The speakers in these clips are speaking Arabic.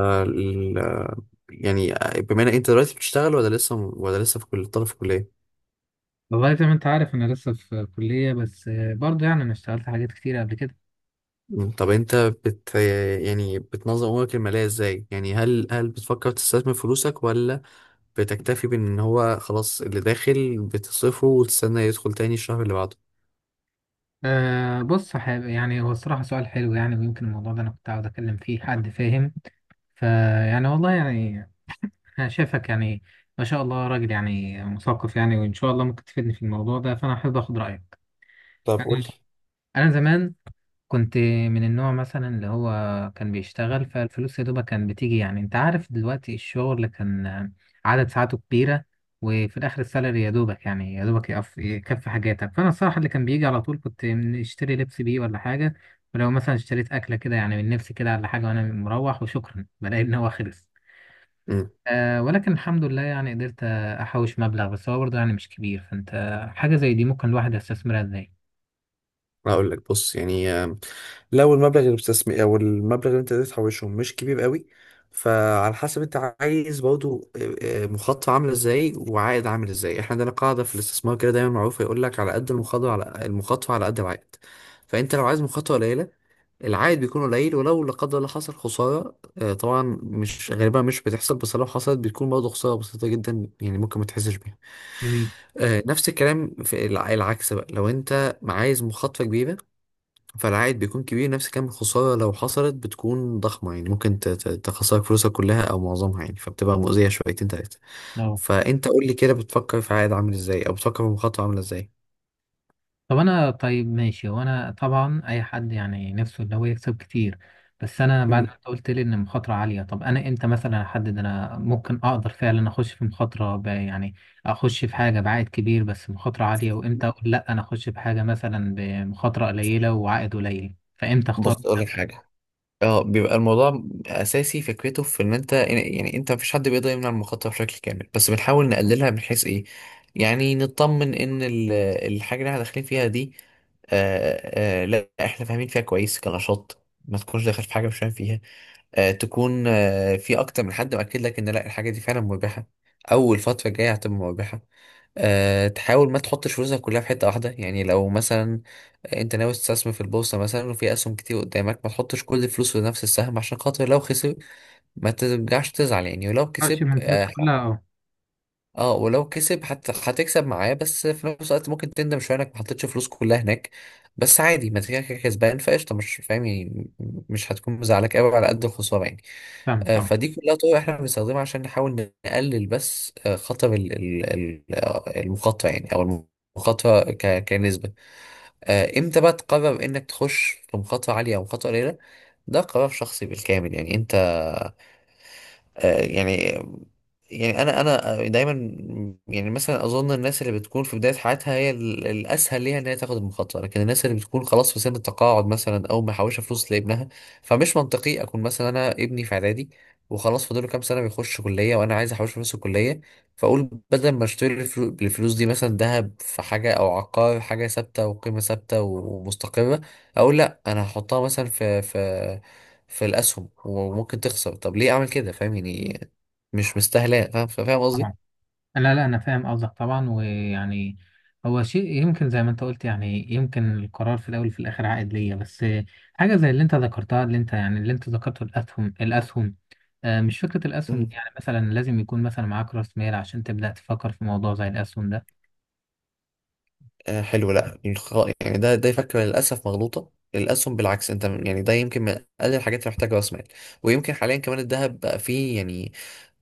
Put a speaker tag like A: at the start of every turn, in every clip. A: ال- يعني بما ان انت دلوقتي بتشتغل ولا لسه، ولا لسه في كل طالب في كلية.
B: والله زي ما انت عارف انا لسه في كلية بس برضه يعني انا اشتغلت حاجات كتير قبل كده.
A: طب انت بت يعني بتنظم امورك المالية ازاي؟ يعني هل بتفكر تستثمر فلوسك، ولا بتكتفي بان هو خلاص اللي داخل بتصرفه وتستنى يدخل تاني الشهر اللي بعده؟
B: بص حابب يعني هو الصراحة سؤال حلو يعني ويمكن الموضوع ده انا كنت عاوز اتكلم فيه حد فاهم فيعني والله يعني انا شايفك يعني ما شاء الله راجل يعني مثقف يعني وان شاء الله ممكن تفيدني في الموضوع ده فانا حابب اخد رأيك.
A: طب قول
B: انا
A: لي.
B: انا زمان كنت من النوع مثلا اللي هو كان بيشتغل فالفلوس يا دوبك كان بتيجي يعني انت عارف دلوقتي الشغل اللي كان عدد ساعاته كبيرة وفي الآخر السالري يا دوبك يقف يكفي حاجاتك فأنا الصراحة اللي كان بيجي على طول كنت اشتري لبس بيه ولا حاجة ولو مثلا اشتريت أكلة كده يعني من نفسي كده ولا حاجة وأنا مروح وشكرا بلاقي إن هو خلص.
A: امم
B: ولكن الحمد لله يعني قدرت أحوش مبلغ بس هو برضه يعني مش كبير فأنت حاجة زي دي ممكن الواحد يستثمرها إزاي؟
A: هقول لك، بص يعني لو المبلغ اللي بتستثمر او المبلغ اللي انت قدرت تحوشه مش كبير قوي، فعلى حسب انت عايز برضو مخاطره عامله ازاي وعائد عامل ازاي. احنا عندنا قاعده في الاستثمار كده دايما معروفه، يقول لك على قد المخاطره، على قد العائد. فانت لو عايز مخاطره قليله، العائد بيكون قليل، ولو لا قدر الله حصل خساره، طبعا مش غالبا، مش بتحصل، بس لو حصلت بتكون برضه خساره بسيطه جدا يعني، ممكن ما تحسش بيها.
B: جميل،
A: نفس الكلام في العكس بقى، لو انت عايز مخاطره كبيره، فالعائد بيكون كبير، نفس كم الخسارة لو حصلت بتكون ضخمة، يعني ممكن تخسرك فلوسك كلها أو معظمها يعني، فبتبقى مؤذية شويتين تلاتة.
B: اه.
A: فأنت قول لي كده، بتفكر في عائد عامل إزاي، أو بتفكر في مخاطرة عاملة إزاي؟
B: طب انا طيب ماشي، وانا طبعا اي حد يعني نفسه ان هو يكسب كتير، بس انا بعد
A: مم.
B: ما انت قلت لي ان مخاطره عاليه. طب انا امتى مثلا احدد انا ممكن اقدر فعلا اخش في مخاطره يعني اخش في حاجه بعائد كبير بس مخاطره عاليه، وامتى اقول لا انا اخش في حاجه مثلا بمخاطره قليله وعائد قليل، فامتى اختار
A: بص اقول
B: ما
A: لك حاجه، اه بيبقى الموضوع اساسي فكرته في ان انت يعني، انت مفيش حد بيقدر يمنع المخاطره بشكل كامل، بس بنحاول نقللها من حيث ايه؟ يعني نطمن ان الحاجه اللي احنا داخلين فيها دي لا احنا فاهمين فيها كويس كنشاط، ما تكونش داخل في حاجه مش فاهم فيها. تكون في اكتر من حد مأكد لك ان لا الحاجه دي فعلا مربحه او الفتره الجايه هتبقى مربحه. أه تحاول ما تحطش فلوسك كلها في حته واحده، يعني لو مثلا انت ناوي تستثمر في البورصه مثلا، وفي اسهم كتير قدامك، ما تحطش كل الفلوس في نفس السهم، عشان خاطر لو خسر ما ترجعش تزعل يعني، ولو
B: اختارش
A: كسب
B: من فلوس
A: أه،
B: كلها؟ اه،
A: اه ولو كسب هتكسب معاه، بس في نفس الوقت ممكن تندم شويه انك ما حطيتش فلوس كلها هناك، بس عادي، ما انت كده كده كسبان، فقشطه مش فاهم يعني، مش هتكون مزعلك قوي على قد الخساره يعني.
B: فاهمك طبعا.
A: فدي كلها طرق احنا بنستخدمها عشان نحاول نقلل بس خطر المخاطره يعني، او المخاطره كنسبه. امتى بقى تقرر انك تخش في مخاطره عاليه او مخاطره قليله؟ ده قرار شخصي بالكامل، يعني انت آه، يعني يعني انا انا آه، دايما يعني مثلا اظن الناس اللي بتكون في بدايه حياتها هي الاسهل ليها ان هي تاخد المخاطره، لكن الناس اللي بتكون خلاص في سن التقاعد مثلا، او محوشه فلوس لابنها، فمش منطقي اكون مثلا انا ابني في اعدادي وخلاص فاضل له كام سنه بيخش كليه، وانا عايز احوش فلوس الكليه، فاقول بدل ما اشتري الفلوس دي مثلا ذهب، في حاجه او عقار، حاجه ثابته وقيمه ثابته ومستقره، اقول لا انا هحطها مثلا في في الاسهم وممكن تخسر. طب ليه اعمل كده؟ فاهم يعني، مش مستاهله، فاهم فاهم قصدي.
B: طبعا، لا لا انا فاهم قصدك طبعا. ويعني هو شيء يمكن زي ما انت قلت، يعني يمكن القرار في الاول وفي الاخر عائد ليا، بس حاجه زي اللي انت ذكرتها، اللي انت يعني اللي انت ذكرته، الاسهم الاسهم، مش فكره الاسهم دي
A: مم.
B: يعني مثلا لازم يكون مثلا معاك راس مال عشان تبدا تفكر في موضوع زي الاسهم ده؟
A: آه حلو، لا ده فكره للاسف مغلوطه. الاسهم بالعكس انت ده يمكن من اقل الحاجات اللي محتاجه راس مال. ويمكن حاليا كمان الذهب بقى فيه يعني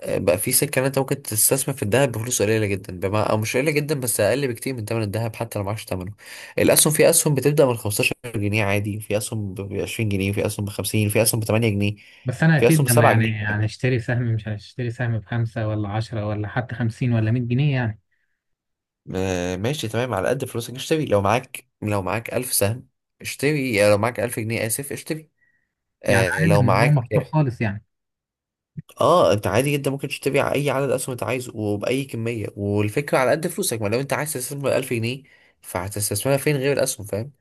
A: بقى فيه سكه ان انت ممكن تستثمر في الذهب بفلوس قليله جدا، بما او مش قليله جدا بس اقل بكتير من ثمن الذهب، حتى لو معكش ثمنه. الاسهم، في اسهم بتبدا من 15 جنيه عادي، في اسهم ب 20 جنيه، في اسهم ب 50، في اسهم ب 8 جنيه،
B: بس انا
A: في اسهم ب
B: اكيد لما
A: 7 جنيه.
B: يعني هنشتري سهم، مش هنشتري سهم بخمسه ولا عشرة ولا حتى خمسين ولا مية جنيه يعني.
A: ماشي تمام، على قد فلوسك اشتري. لو معاك ألف سهم اشتري، يعني لو معاك ألف جنيه، آسف، اشتري.
B: يعني
A: آه
B: عادي
A: لو
B: الموضوع
A: معاك،
B: مفتوح خالص يعني؟
A: اه انت عادي جدا ممكن تشتري اي عدد اسهم انت عايزه وبأي كمية، والفكرة على قد فلوسك ما. لو انت عايز تستثمر 1000 جنيه فهتستثمرها فين غير الأسهم؟ فاهم؟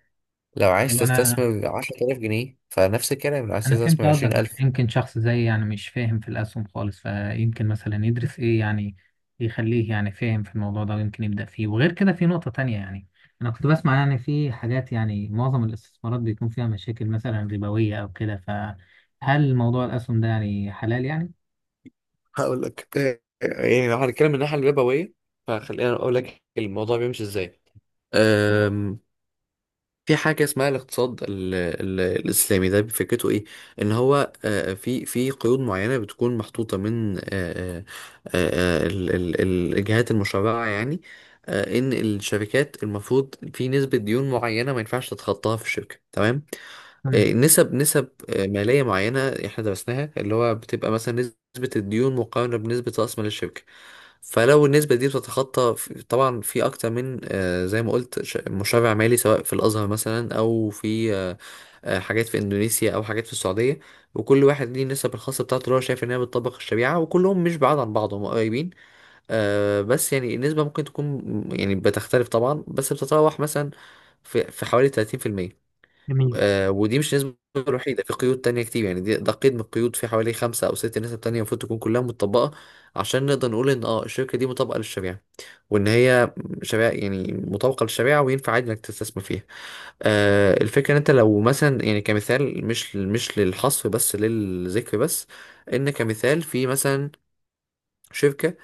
A: لو عايز
B: لو انا
A: تستثمر 10000 جنيه فنفس الكلام، لو عايز
B: انا فهمت
A: تستثمر
B: قصدك، بس
A: 20000.
B: يمكن شخص زي يعني مش فاهم في الاسهم خالص، فيمكن مثلا يدرس ايه يعني يخليه يعني فاهم في الموضوع ده ويمكن يبدأ فيه. وغير كده في نقطة تانية يعني، انا كنت بسمع يعني في حاجات، يعني معظم الاستثمارات بيكون فيها مشاكل مثلا ربوية او كده، فهل موضوع الاسهم ده يعني حلال يعني؟
A: هقول لك يعني لو هنتكلم من الناحية الربوية، فخلينا أقول لك الموضوع بيمشي إزاي. في حاجة اسمها الاقتصاد ال ال الإسلامي، ده فكرته إيه؟ إن هو في قيود معينة بتكون محطوطة من الجهات المشرعة يعني. إن الشركات المفروض في نسبة ديون معينة ما ينفعش تتخطاها في الشركة، تمام؟
B: تمام.
A: نسب مالية معينة احنا درسناها، اللي هو بتبقى مثلا نسبة الديون مقارنة بنسبة رأس مال الشركة. فلو النسبة دي بتتخطى، طبعا في أكتر من زي ما قلت، مشرع مالي، سواء في الأزهر مثلا، أو في حاجات في إندونيسيا، أو حاجات في السعودية، وكل واحد ليه النسب الخاصة بتاعته اللي هو شايف إنها بتطبق الشريعة، وكلهم مش بعاد عن بعض، هم قريبين. بس يعني النسبة ممكن تكون، يعني بتختلف طبعا، بس بتتراوح مثلا في حوالي 30%.
B: جميل.
A: آه ودي مش النسبة الوحيدة، في قيود تانية كتير، يعني دي ده قيد من القيود، في حوالي 5 أو 6 نسب تانية المفروض تكون كلها متطبقة عشان نقدر نقول إن اه الشركة دي مطابقة للشريعة، وإن هي شريعة يعني مطابقة للشريعة، وينفع عادي إنك تستثمر فيها. آه الفكرة إن أنت لو مثلا يعني كمثال، مش للحصر بس للذكر، بس إن كمثال في مثلا شركة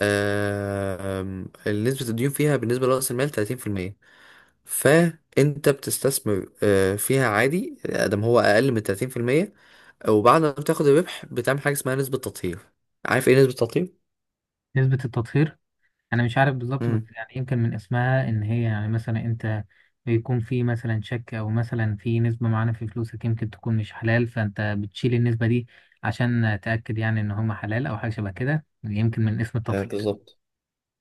A: آه آم، نسبة الديون فيها بالنسبة لرأس المال 30%، فانت بتستثمر فيها عادي ادم هو اقل من 30%، وبعد ما بتاخد الربح بتعمل حاجه اسمها نسبه تطهير. عارف ايه نسبه التطهير؟
B: نسبة التطهير، انا مش عارف بالظبط، بس
A: امم
B: يعني يمكن من اسمها ان هي يعني مثلا انت بيكون في مثلا شك او مثلا في نسبة معينة في فلوسك يمكن تكون مش حلال، فانت بتشيل النسبة دي عشان تأكد يعني ان هم حلال، او حاجة شبه كده يمكن من اسم
A: آه
B: التطهير.
A: بالظبط،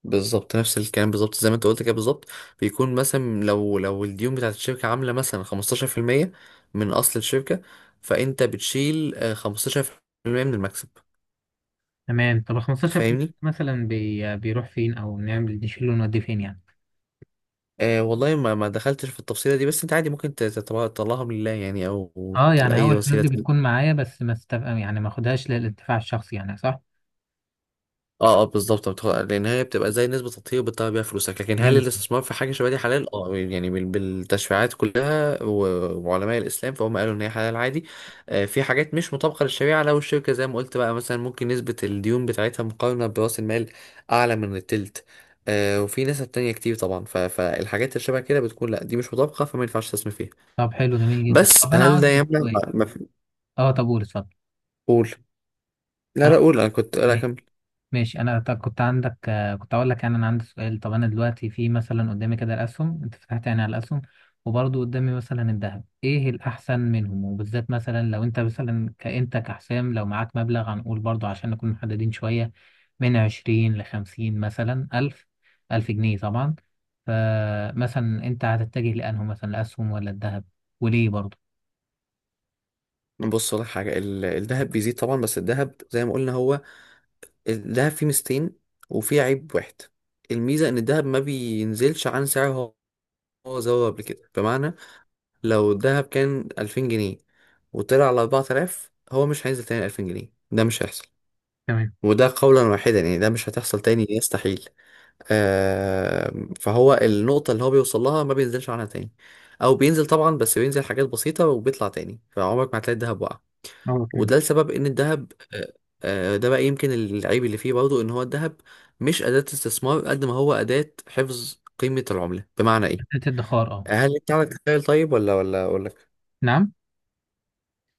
A: بالظبط نفس الكلام، بالظبط زي ما انت قلت كده بالظبط. بيكون مثلا لو الديون بتاعت الشركه عامله مثلا 15% من اصل الشركه، فانت بتشيل 15% من المكسب،
B: تمام. طب ال 15%
A: فاهمني؟
B: مثلا بي بيروح فين، او نعمل نشيله ونوديه فين يعني؟
A: والله ما دخلتش في التفصيله دي، بس انت عادي ممكن تطلعها من لله يعني، او
B: اه، يعني هو
A: لاي
B: الفلوس
A: وسيله.
B: دي بتكون معايا، بس ما استف... يعني ما اخدهاش للانتفاع الشخصي يعني، صح؟
A: اه بالظبط، لان هي بتبقى زي نسبه تطهير بتطلع بيها فلوسك، لكن هل
B: فهمت.
A: الاستثمار في حاجه شبه دي حلال؟ اه يعني بالتشريعات كلها وعلماء الاسلام، فهم قالوا ان هي حلال عادي. آه في حاجات مش مطابقه للشريعه، لو الشركه زي ما قلت بقى مثلا، ممكن نسبه الديون بتاعتها مقارنه براس المال اعلى من التلت، آه وفي نسب تانية كتير طبعا، فالحاجات اللي شبه كده بتكون لا دي مش مطابقه، فما ينفعش تستثمر فيها.
B: طب حلو جميل جدا. طب
A: بس
B: انا
A: هل
B: عاوز
A: ده
B: إيه؟
A: يمنع
B: سؤال. اه طب قول، اتفضل.
A: قول. لا
B: انا
A: لا
B: كنت،
A: قول، انا كنت، لا كمل.
B: ماشي. انا طب كنت عندك كنت اقول لك يعني انا عندي سؤال. طب انا دلوقتي في مثلا قدامي كده الاسهم، انت فتحت يعني على الاسهم، وبرضه قدامي مثلا الذهب، ايه الاحسن منهم؟ وبالذات مثلا لو انت مثلا كانت كحسام، لو معاك مبلغ هنقول برضه عشان نكون محددين شوية، من عشرين لخمسين مثلا الف، الف جنيه طبعا، فمثلا انت هتتجه لانه مثلا الاسهم ولا الذهب؟ وليه برضه؟
A: بص لك حاجه، الذهب بيزيد طبعا، بس الذهب زي ما قلنا هو، الذهب فيه ميزتين وفيه عيب واحد. الميزة إن الذهب ما بينزلش عن سعره هو زود قبل كده، بمعنى لو الذهب كان 2000 جنيه وطلع على 4000، هو مش هينزل تاني 2000 جنيه، ده مش هيحصل.
B: تمام.
A: وده قولا واحدا يعني، ده مش هتحصل تاني، يستحيل. آه فهو النقطة اللي هو بيوصل لها ما بينزلش عنها تاني، أو بينزل طبعا بس بينزل حاجات بسيطة وبيطلع تاني، فعمرك ما هتلاقي الذهب وقع.
B: اه تمام.
A: وده لسبب ان الذهب ده بقى يمكن العيب اللي فيه برضه، ان هو الذهب مش اداة استثمار قد ما هو اداة حفظ قيمة العملة. بمعنى ايه؟
B: حتة الادخار، اه.
A: هل انت عندك تخيل طيب، ولا اقول لك؟
B: نعم.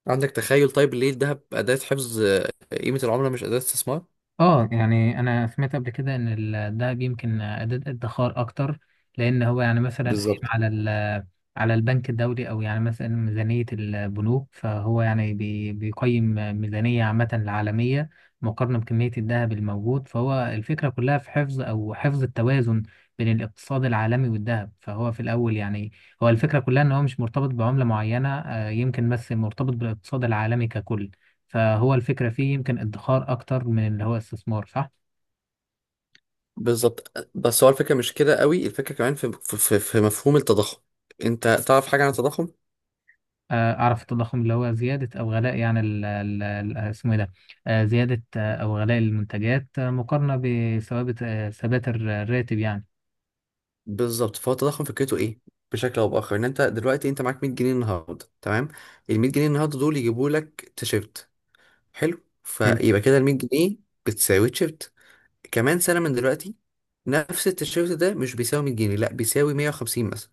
A: عندك تخيل طيب ليه الذهب اداة حفظ قيمة العملة مش اداة استثمار؟
B: اه يعني انا سمعت قبل كده ان الدهب يمكن اداة ادخار اكتر، لان هو يعني مثلا قايم
A: بالظبط،
B: على البنك الدولي، او يعني مثلا ميزانية البنوك، فهو يعني بيقيم ميزانية عامة العالمية مقارنة بكمية الذهب الموجود، فهو الفكرة كلها في حفظ، او حفظ التوازن بين الاقتصاد العالمي والذهب. فهو في الاول يعني هو الفكرة كلها ان هو مش مرتبط بعملة معينة، يمكن بس مرتبط بالاقتصاد العالمي ككل. فهو الفكرة فيه يمكن ادخار أكتر من اللي هو استثمار، صح؟
A: بالظبط بس هو الفكرة مش كده قوي، الفكرة كمان في مفهوم التضخم. انت تعرف حاجة عن التضخم؟
B: أعرف التضخم، اللي هو زيادة أو غلاء يعني اسمه إيه ده، زيادة أو غلاء المنتجات مقارنة بثوابت، ثبات الراتب يعني.
A: بالظبط. فهو التضخم فكرته ايه؟ بشكل او باخر، ان انت دلوقتي معاك 100 جنيه النهارده، تمام، ال 100 جنيه النهارده دول يجيبوا لك تيشيرت، حلو،
B: حلو.
A: فيبقى كده ال 100 جنيه بتساوي تيشيرت. كمان سنه من دلوقتي، نفس التيشيرت ده مش بيساوي 100 جنيه، لا بيساوي 150 مثلا.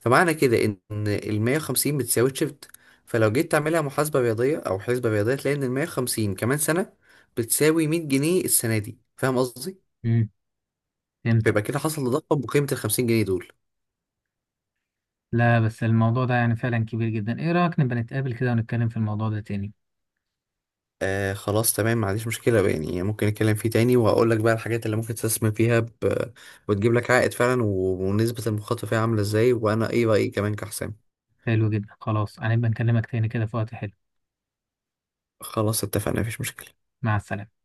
A: فمعنى كده ان ال 150 بتساوي تيشيرت، فلو جيت تعملها محاسبه رياضيه او حسبه رياضيه، تلاقي ان ال 150 كمان سنه بتساوي 100 جنيه السنه دي، فاهم قصدي؟
B: امم. فهمت،
A: فيبقى
B: اه.
A: كده حصل تضخم بقيمه ال 50 جنيه دول.
B: لا، بس الموضوع ده يعني فعلا كبير جدا، ايه رأيك نبقى نتقابل كده ونتكلم في الموضوع ده تاني؟
A: آه خلاص تمام، ما عنديش مشكلة بقى، يعني ممكن نتكلم فيه تاني، وهقول لك بقى الحاجات اللي ممكن تستثمر فيها ب... وتجيب لك عائد فعلا و... ونسبة المخاطرة فيها عاملة ازاي، وانا ايه رأيي كمان كحسام.
B: حلو جدا، خلاص. هنبقى نكلمك تاني كده في وقت حلو.
A: خلاص اتفقنا، مفيش مشكلة.
B: مع السلامة.